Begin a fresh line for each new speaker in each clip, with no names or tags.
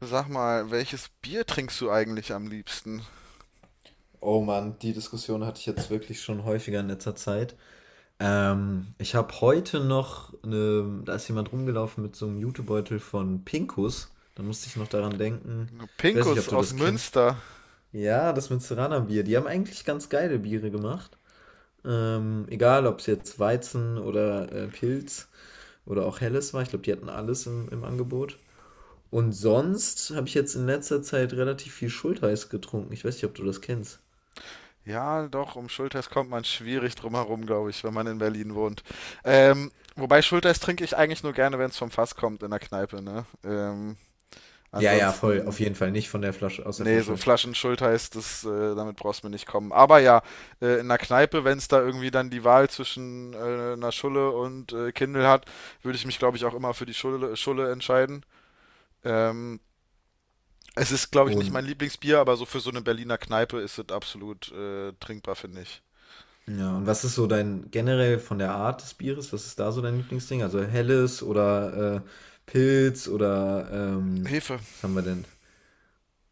Sag mal, welches Bier trinkst du eigentlich am liebsten?
Oh Mann, die Diskussion hatte ich jetzt wirklich schon häufiger in letzter Zeit. Ich habe heute noch, eine, da ist jemand rumgelaufen mit so einem Jutebeutel von Pinkus. Da musste ich noch daran denken. Ich weiß nicht,
Pinkus
ob du
aus
das kennst.
Münster.
Ja, das Münsteraner-Bier. Die haben eigentlich ganz geile Biere gemacht. Egal, ob es jetzt Weizen oder Pilz oder auch Helles war. Ich glaube, die hatten alles im Angebot. Und sonst habe ich jetzt in letzter Zeit relativ viel Schultheiß getrunken. Ich weiß nicht, ob du das kennst.
Ja, doch, um Schulters kommt man schwierig drum herum, glaube ich, wenn man in Berlin wohnt. Wobei Schulters trinke ich eigentlich nur gerne, wenn es vom Fass kommt in der Kneipe, ne?
Ja, ja, voll.
Ansonsten,
Auf jeden Fall nicht von der Flasche, aus der
nee, so
Flasche.
Flaschen Schulters, damit brauchst du mir nicht kommen. Aber ja, in der Kneipe, wenn es da irgendwie dann die Wahl zwischen einer Schulle und Kindle hat, würde ich mich, glaube ich, auch immer für die Schulle entscheiden. Ähm, Es ist, glaube ich, nicht mein
Und
Lieblingsbier, aber so für so eine Berliner Kneipe ist es absolut trinkbar, finde ich.
ja, und was ist so dein generell von der Art des Bieres? Was ist da so dein Lieblingsding? Also helles oder Pilz oder
Hefe.
was haben wir denn?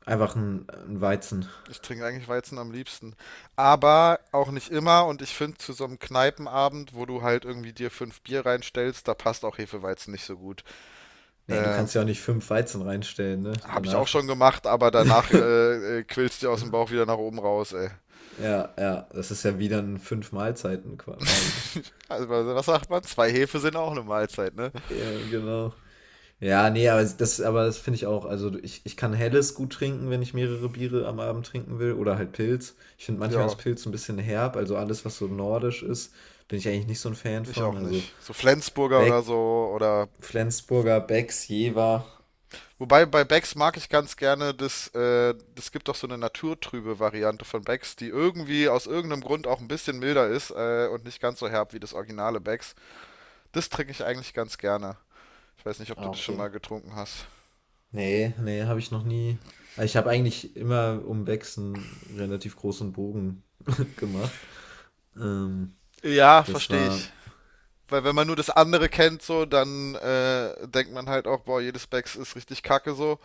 Einfach ein Weizen.
Ich trinke eigentlich Weizen am liebsten. Aber auch nicht immer. Und ich finde, zu so einem Kneipenabend, wo du halt irgendwie dir fünf Bier reinstellst, da passt auch Hefeweizen nicht so gut.
Nee, du
Ähm,
kannst ja auch nicht fünf Weizen reinstellen, ne?
Habe ich auch
Danach.
schon gemacht, aber danach quillst du aus dem Bauch wieder nach oben raus, ey.
Ja, ja, das ist ja wieder ein fünf Mahlzeiten quasi.
Also, was sagt man? Zwei Hefe sind auch eine Mahlzeit, ne?
Ja, genau. Ja, nee, aber das finde ich auch. Also ich kann Helles gut trinken, wenn ich mehrere Biere am Abend trinken will. Oder halt Pilz. Ich finde manchmal das
Ja,
Pilz ein bisschen herb. Also alles, was so nordisch ist, bin ich eigentlich nicht so ein Fan
ich
von.
auch
Also
nicht. So Flensburger oder
Beck,
so oder
Flensburger, Becks, Jever.
wobei bei Becks mag ich ganz gerne, das gibt doch so eine naturtrübe Variante von Becks, die irgendwie aus irgendeinem Grund auch ein bisschen milder ist und nicht ganz so herb wie das originale Becks. Das trinke ich eigentlich ganz gerne. Ich weiß nicht, ob du
Ah,
das schon
okay.
mal getrunken hast.
Nee, nee, habe ich noch nie. Also ich habe eigentlich immer um Becks einen relativ großen Bogen gemacht. Ähm,
Ja,
das
verstehe ich.
war.
Weil wenn man nur das andere kennt, so, dann denkt man halt auch, boah, jedes Becks ist richtig kacke so.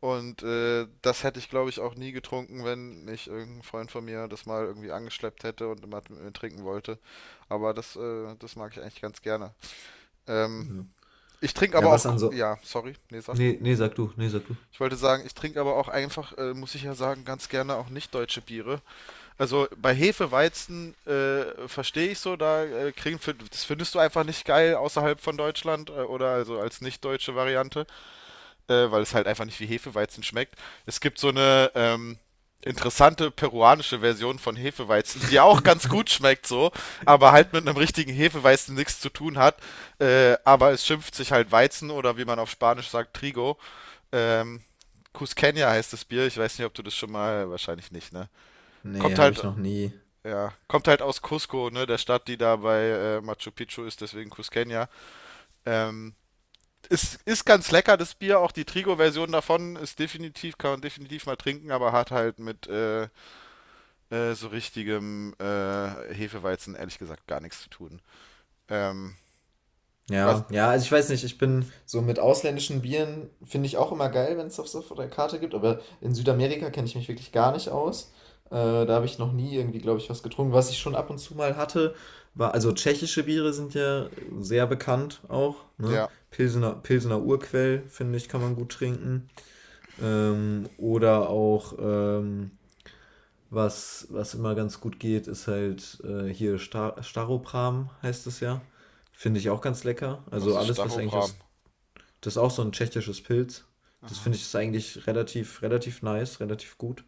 Und das hätte ich, glaube ich, auch nie getrunken, wenn nicht irgendein Freund von mir das mal irgendwie angeschleppt hätte und immer mit mir trinken wollte. Aber das mag ich eigentlich ganz gerne. Ähm,
Ja,
ich trinke
ja,
aber auch,
was an so.
ja, sorry, nee, sag.
Nee, nee, sag du, nee, sag du.
Ich wollte sagen, ich trinke aber auch einfach, muss ich ja sagen, ganz gerne auch nicht deutsche Biere. Also bei Hefe, Weizen verstehe ich so, da kriegen, das findest du einfach nicht geil außerhalb von Deutschland oder also als nicht deutsche Variante. Weil es halt einfach nicht wie Hefeweizen schmeckt. Es gibt so eine interessante peruanische Version von Hefeweizen, die auch ganz gut schmeckt so, aber halt mit einem richtigen Hefeweizen nichts zu tun hat. Aber es schimpft sich halt Weizen oder wie man auf Spanisch sagt, Trigo. Ähm, Cusqueña heißt das Bier. Ich weiß nicht, ob du das schon mal, wahrscheinlich nicht, ne?
Nee,
Kommt
habe ich
halt,
noch nie.
ja, kommt halt aus Cusco, ne? Der Stadt, die da bei Machu Picchu ist, deswegen Cusqueña. Ähm, es ist ganz lecker, das Bier, auch die Trigo-Version davon ist definitiv, kann man definitiv mal trinken, aber hat halt mit so richtigem Hefeweizen ehrlich gesagt gar nichts zu tun. Ähm, was,
Ja, ja, also ich weiß nicht, ich bin so mit ausländischen Bieren, finde ich auch immer geil, wenn es das auf so der Karte gibt, aber in Südamerika kenne ich mich wirklich gar nicht aus. Da habe ich noch nie irgendwie, glaube ich, was getrunken. Was ich schon ab und zu mal hatte, war, also tschechische Biere sind ja sehr bekannt auch, ne?
ja,
Pilsener, Pilsener Urquell, finde ich, kann man gut trinken. Oder auch was immer ganz gut geht, ist halt hier Star Staropram heißt es ja. Finde ich auch ganz lecker.
was
Also
ist
alles, was eigentlich
Stachopram?
aus. Das ist auch so ein tschechisches Pilz. Das finde ich ist eigentlich relativ nice, relativ gut.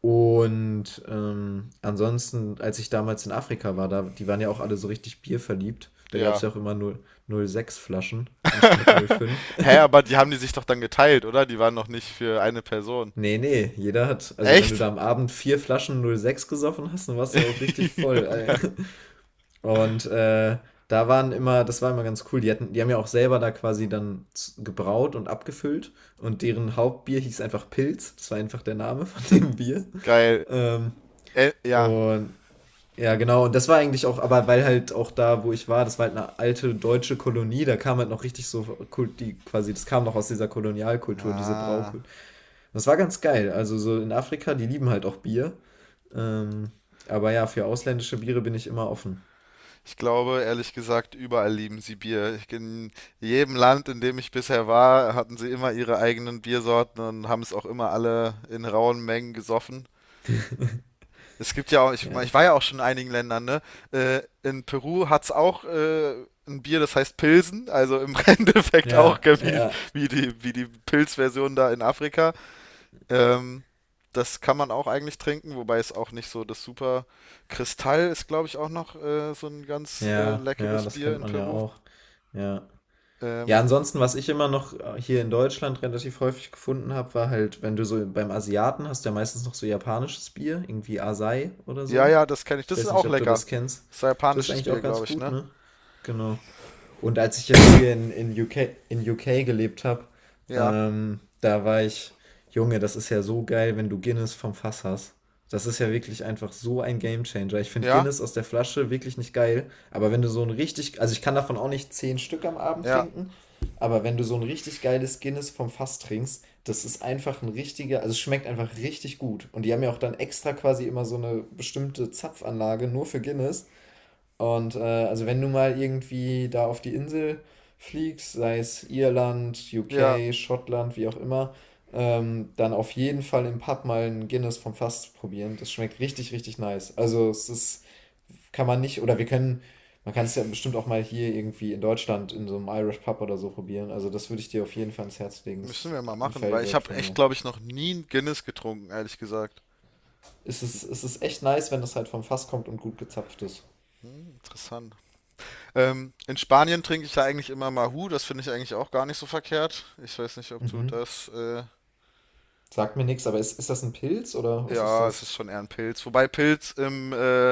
Und ansonsten, als ich damals in Afrika war, da, die waren ja auch alle so richtig bierverliebt. Da gab es
Ja.
ja auch immer 0,6 Flaschen anstatt 0,5.
Hä, aber die haben die sich doch dann geteilt, oder? Die waren noch nicht für eine Person.
Nee, nee, jeder hat, also wenn du
Echt?
da am Abend 4 Flaschen 0,6 gesoffen hast, dann warst du auch richtig voll, ey.
Junge.
Und da waren immer, das war immer ganz cool, die, hatten, die haben ja auch selber da quasi dann gebraut und abgefüllt, und deren Hauptbier hieß einfach Pilz, das war einfach der Name von dem Bier.
Geil.
Ähm,
Ja.
und ja, genau, und das war eigentlich auch, aber weil halt auch da, wo ich war, das war halt eine alte deutsche Kolonie, da kam halt noch richtig so, die quasi, das kam noch aus dieser Kolonialkultur, diese
Ah.
Braukultur. Das war ganz geil, also so in Afrika, die lieben halt auch Bier. Ähm, aber ja, für ausländische Biere bin ich immer offen.
Ich glaube, ehrlich gesagt, überall lieben sie Bier. In jedem Land, in dem ich bisher war, hatten sie immer ihre eigenen Biersorten und haben es auch immer alle in rauen Mengen gesoffen. Es gibt ja auch,
Ja.
ich war ja auch schon in einigen Ländern, ne? In Peru hat's auch ein Bier, das heißt Pilsen, also im Endeffekt auch
Ja,
gell,
ja.
wie die Pilzversion da in Afrika. Ähm, das kann man auch eigentlich trinken, wobei es auch nicht so das super. Kristall ist, glaube ich, auch noch so ein ganz
Ja, ja,
leckeres
das
Bier
kennt
in
man ja
Peru.
auch. Ja. Ja,
Ähm,
ansonsten, was ich immer noch hier in Deutschland relativ häufig gefunden habe, war halt, wenn du so beim Asiaten hast, du ja meistens noch so japanisches Bier, irgendwie Asai oder so.
ja, das kenne ich.
Ich
Das
weiß
ist
nicht,
auch
ob du
lecker.
das kennst.
Das ist ein
Das ist
japanisches
eigentlich
Bier,
auch ganz
glaube ich,
gut,
ne?
ne? Genau. Und als ich jetzt hier in UK gelebt habe,
Ja,
ähm, da war ich, Junge, das ist ja so geil, wenn du Guinness vom Fass hast. Das ist ja wirklich einfach so ein Gamechanger. Ich finde
ja,
Guinness aus der Flasche wirklich nicht geil, aber wenn du so ein richtig, also ich kann davon auch nicht 10 Stück am Abend
ja,
trinken, aber wenn du so ein richtig geiles Guinness vom Fass trinkst, das ist einfach ein richtiger, also es schmeckt einfach richtig gut. Und die haben ja auch dann extra quasi immer so eine bestimmte Zapfanlage nur für Guinness, und also wenn du mal irgendwie da auf die Insel fliegst, sei es Irland,
ja.
UK, Schottland, wie auch immer, dann auf jeden Fall im Pub mal ein Guinness vom Fass probieren. Das schmeckt richtig, richtig nice. Also es ist, kann man nicht, oder wir können, man kann es ja bestimmt auch mal hier irgendwie in Deutschland in so einem Irish Pub oder so probieren. Also das würde ich dir auf jeden Fall ans Herz legen. Das
Müssen
ist
wir mal
ein
machen, weil ich
Favorite
habe
von
echt,
mir.
glaube ich, noch nie ein Guinness getrunken, ehrlich gesagt. Hm,
Es ist echt nice, wenn das halt vom Fass kommt und gut gezapft ist.
interessant. In Spanien trinke ich ja eigentlich immer Mahu. Das finde ich eigentlich auch gar nicht so verkehrt. Ich weiß nicht, ob du
Mhm.
das
Sagt mir nichts, aber ist das ein Pilz oder was ist
ja, es
das?
ist schon eher ein Pilz. Wobei Pilz im äh,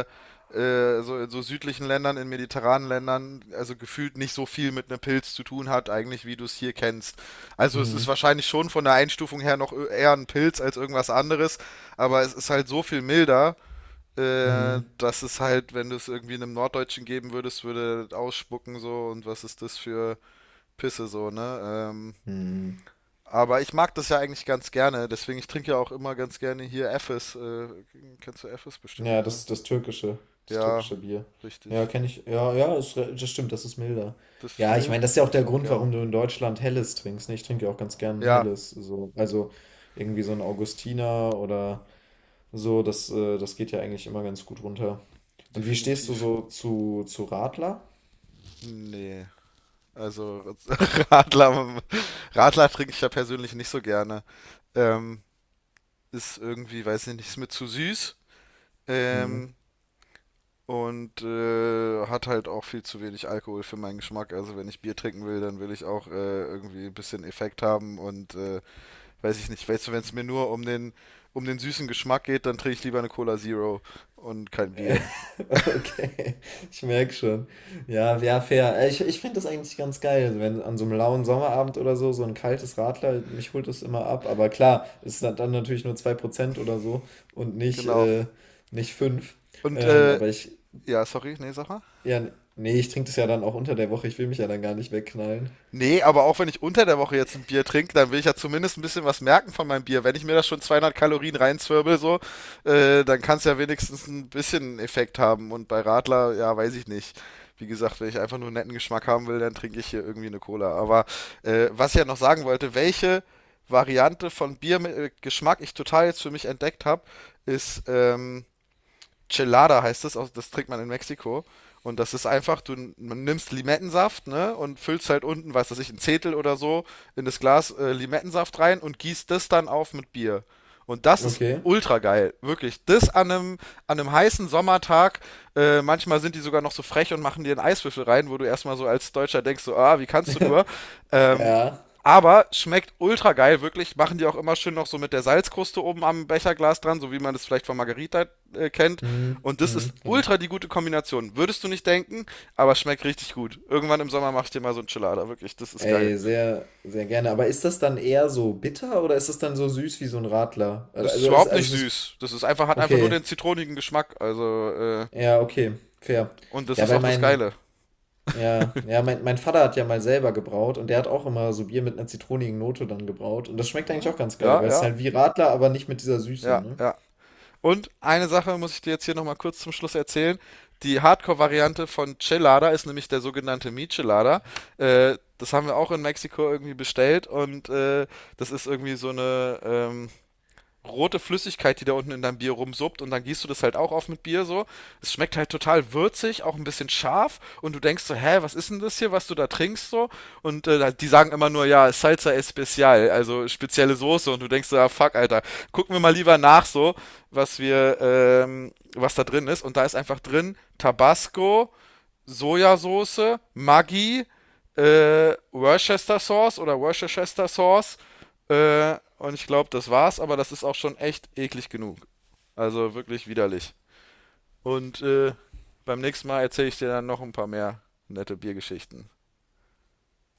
äh, so, in so südlichen Ländern, in mediterranen Ländern, also gefühlt nicht so viel mit einem Pilz zu tun hat, eigentlich, wie du es hier kennst. Also es ist
Mhm.
wahrscheinlich schon von der Einstufung her noch eher ein Pilz als irgendwas anderes, aber es ist halt so viel milder,
Mhm.
dass es halt, wenn du es irgendwie einem Norddeutschen geben würdest, würde das ausspucken so und was ist das für Pisse so, ne? Ähm,
Mhm.
aber ich mag das ja eigentlich ganz gerne, deswegen ich trinke ja auch immer ganz gerne hier Effes. Kennst du Effes bestimmt,
Ja,
ne?
das, das
Ja,
türkische Bier. Ja,
richtig.
kenne ich. Ja, ja, ist, das stimmt, das ist milder.
Das ist
Ja, ich
mild,
meine, das
das
ist ja auch
mag ich
der
auch
Grund,
gern.
warum du in Deutschland Helles trinkst. Ne? Ich trinke ja auch ganz gern
Ja,
Helles. So. Also irgendwie so ein Augustiner oder so, das, das geht ja eigentlich immer ganz gut runter. Und wie stehst du
definitiv.
so zu Radler?
Nee. Also Radler, Radler trinke ich ja persönlich nicht so gerne. Ähm, ist irgendwie, weiß ich nicht, ist mir zu süß.
Mhm.
Ähm, hat halt auch viel zu wenig Alkohol für meinen Geschmack. Also wenn ich Bier trinken will, dann will ich auch irgendwie ein bisschen Effekt haben und weiß ich nicht, weißt du, wenn es mir nur um um den süßen Geschmack geht, dann trinke ich lieber eine Cola Zero und kein
Äh,
Bier.
okay, ich merke schon. Ja, ja, fair. Ich finde das eigentlich ganz geil, wenn an so einem lauen Sommerabend oder so, so ein kaltes Radler, mich holt es immer ab. Aber klar, es ist dann natürlich nur 2% oder so und nicht,
Genau.
nicht 5.
Und
Ähm, aber ich,
ja, sorry, nee, sag mal.
ja, nee, ich trinke das ja dann auch unter der Woche. Ich will mich ja dann gar nicht wegknallen.
Nee, aber auch wenn ich unter der Woche jetzt ein Bier trinke, dann will ich ja zumindest ein bisschen was merken von meinem Bier. Wenn ich mir da schon 200 Kalorien reinzwirbel, so, dann kann es ja wenigstens ein bisschen Effekt haben. Und bei Radler, ja, weiß ich nicht. Wie gesagt, wenn ich einfach nur einen netten Geschmack haben will, dann trinke ich hier irgendwie eine Cola. Aber was ich ja noch sagen wollte, welche Variante von Bier mit Geschmack ich total jetzt für mich entdeckt habe, ist Chelada heißt es, das trinkt man in Mexiko. Und das ist einfach, du nimmst Limettensaft, ne, und füllst halt unten, weiß das ich, ein Zehntel oder so in das Glas Limettensaft rein und gießt das dann auf mit Bier. Und das ist
Okay.
ultra geil, wirklich. Das an an einem heißen Sommertag, manchmal sind die sogar noch so frech und machen dir einen Eiswürfel rein, wo du erstmal so als Deutscher denkst, so, ah, wie kannst du nur? Ähm,
Ja.
aber schmeckt ultra geil, wirklich. Machen die auch immer schön noch so mit der Salzkruste oben am Becherglas dran, so wie man das vielleicht von Margarita kennt.
Hm,
Und das ist
hm, kann ich.
ultra die gute Kombination. Würdest du nicht denken, aber schmeckt richtig gut. Irgendwann im Sommer mach ich dir mal so ein Chilada, wirklich, das ist geil.
Ey, sehr, sehr gerne. Aber ist das dann eher so bitter oder ist das dann so süß wie so ein Radler?
Das ist überhaupt nicht
Also es ist,
süß. Das ist einfach, hat einfach nur
okay.
den zitronigen Geschmack. Also,
Ja, okay, fair.
und das
Ja,
ist
weil
auch das
mein,
Geile.
ja, ja, mein Vater hat ja mal selber gebraut und der hat auch immer so Bier mit einer zitronigen Note dann gebraut. Und das schmeckt eigentlich auch ganz geil,
Ja,
weil es ist halt wie Radler, aber nicht mit dieser Süße, ne?
ja. Und eine Sache muss ich dir jetzt hier nochmal kurz zum Schluss erzählen. Die Hardcore-Variante von Chilada ist nämlich der sogenannte Michelada. Das haben wir auch in Mexiko irgendwie bestellt und das ist irgendwie so eine, rote Flüssigkeit, die da unten in deinem Bier rumsuppt und dann gießt du das halt auch auf mit Bier so. Es schmeckt halt total würzig, auch ein bisschen scharf und du denkst so, hä, was ist denn das hier, was du da trinkst so? Und die sagen immer nur, ja, Salsa Especial, also spezielle Soße und du denkst so, ja, fuck, Alter, gucken wir mal lieber nach so, was wir, was da drin ist und da ist einfach drin Tabasco, Sojasauce, Maggi, Worcester Sauce oder Worcestershire Sauce. Und ich glaube, das war's, aber das ist auch schon echt eklig genug. Also wirklich widerlich. Und beim nächsten Mal erzähle ich dir dann noch ein paar mehr nette Biergeschichten.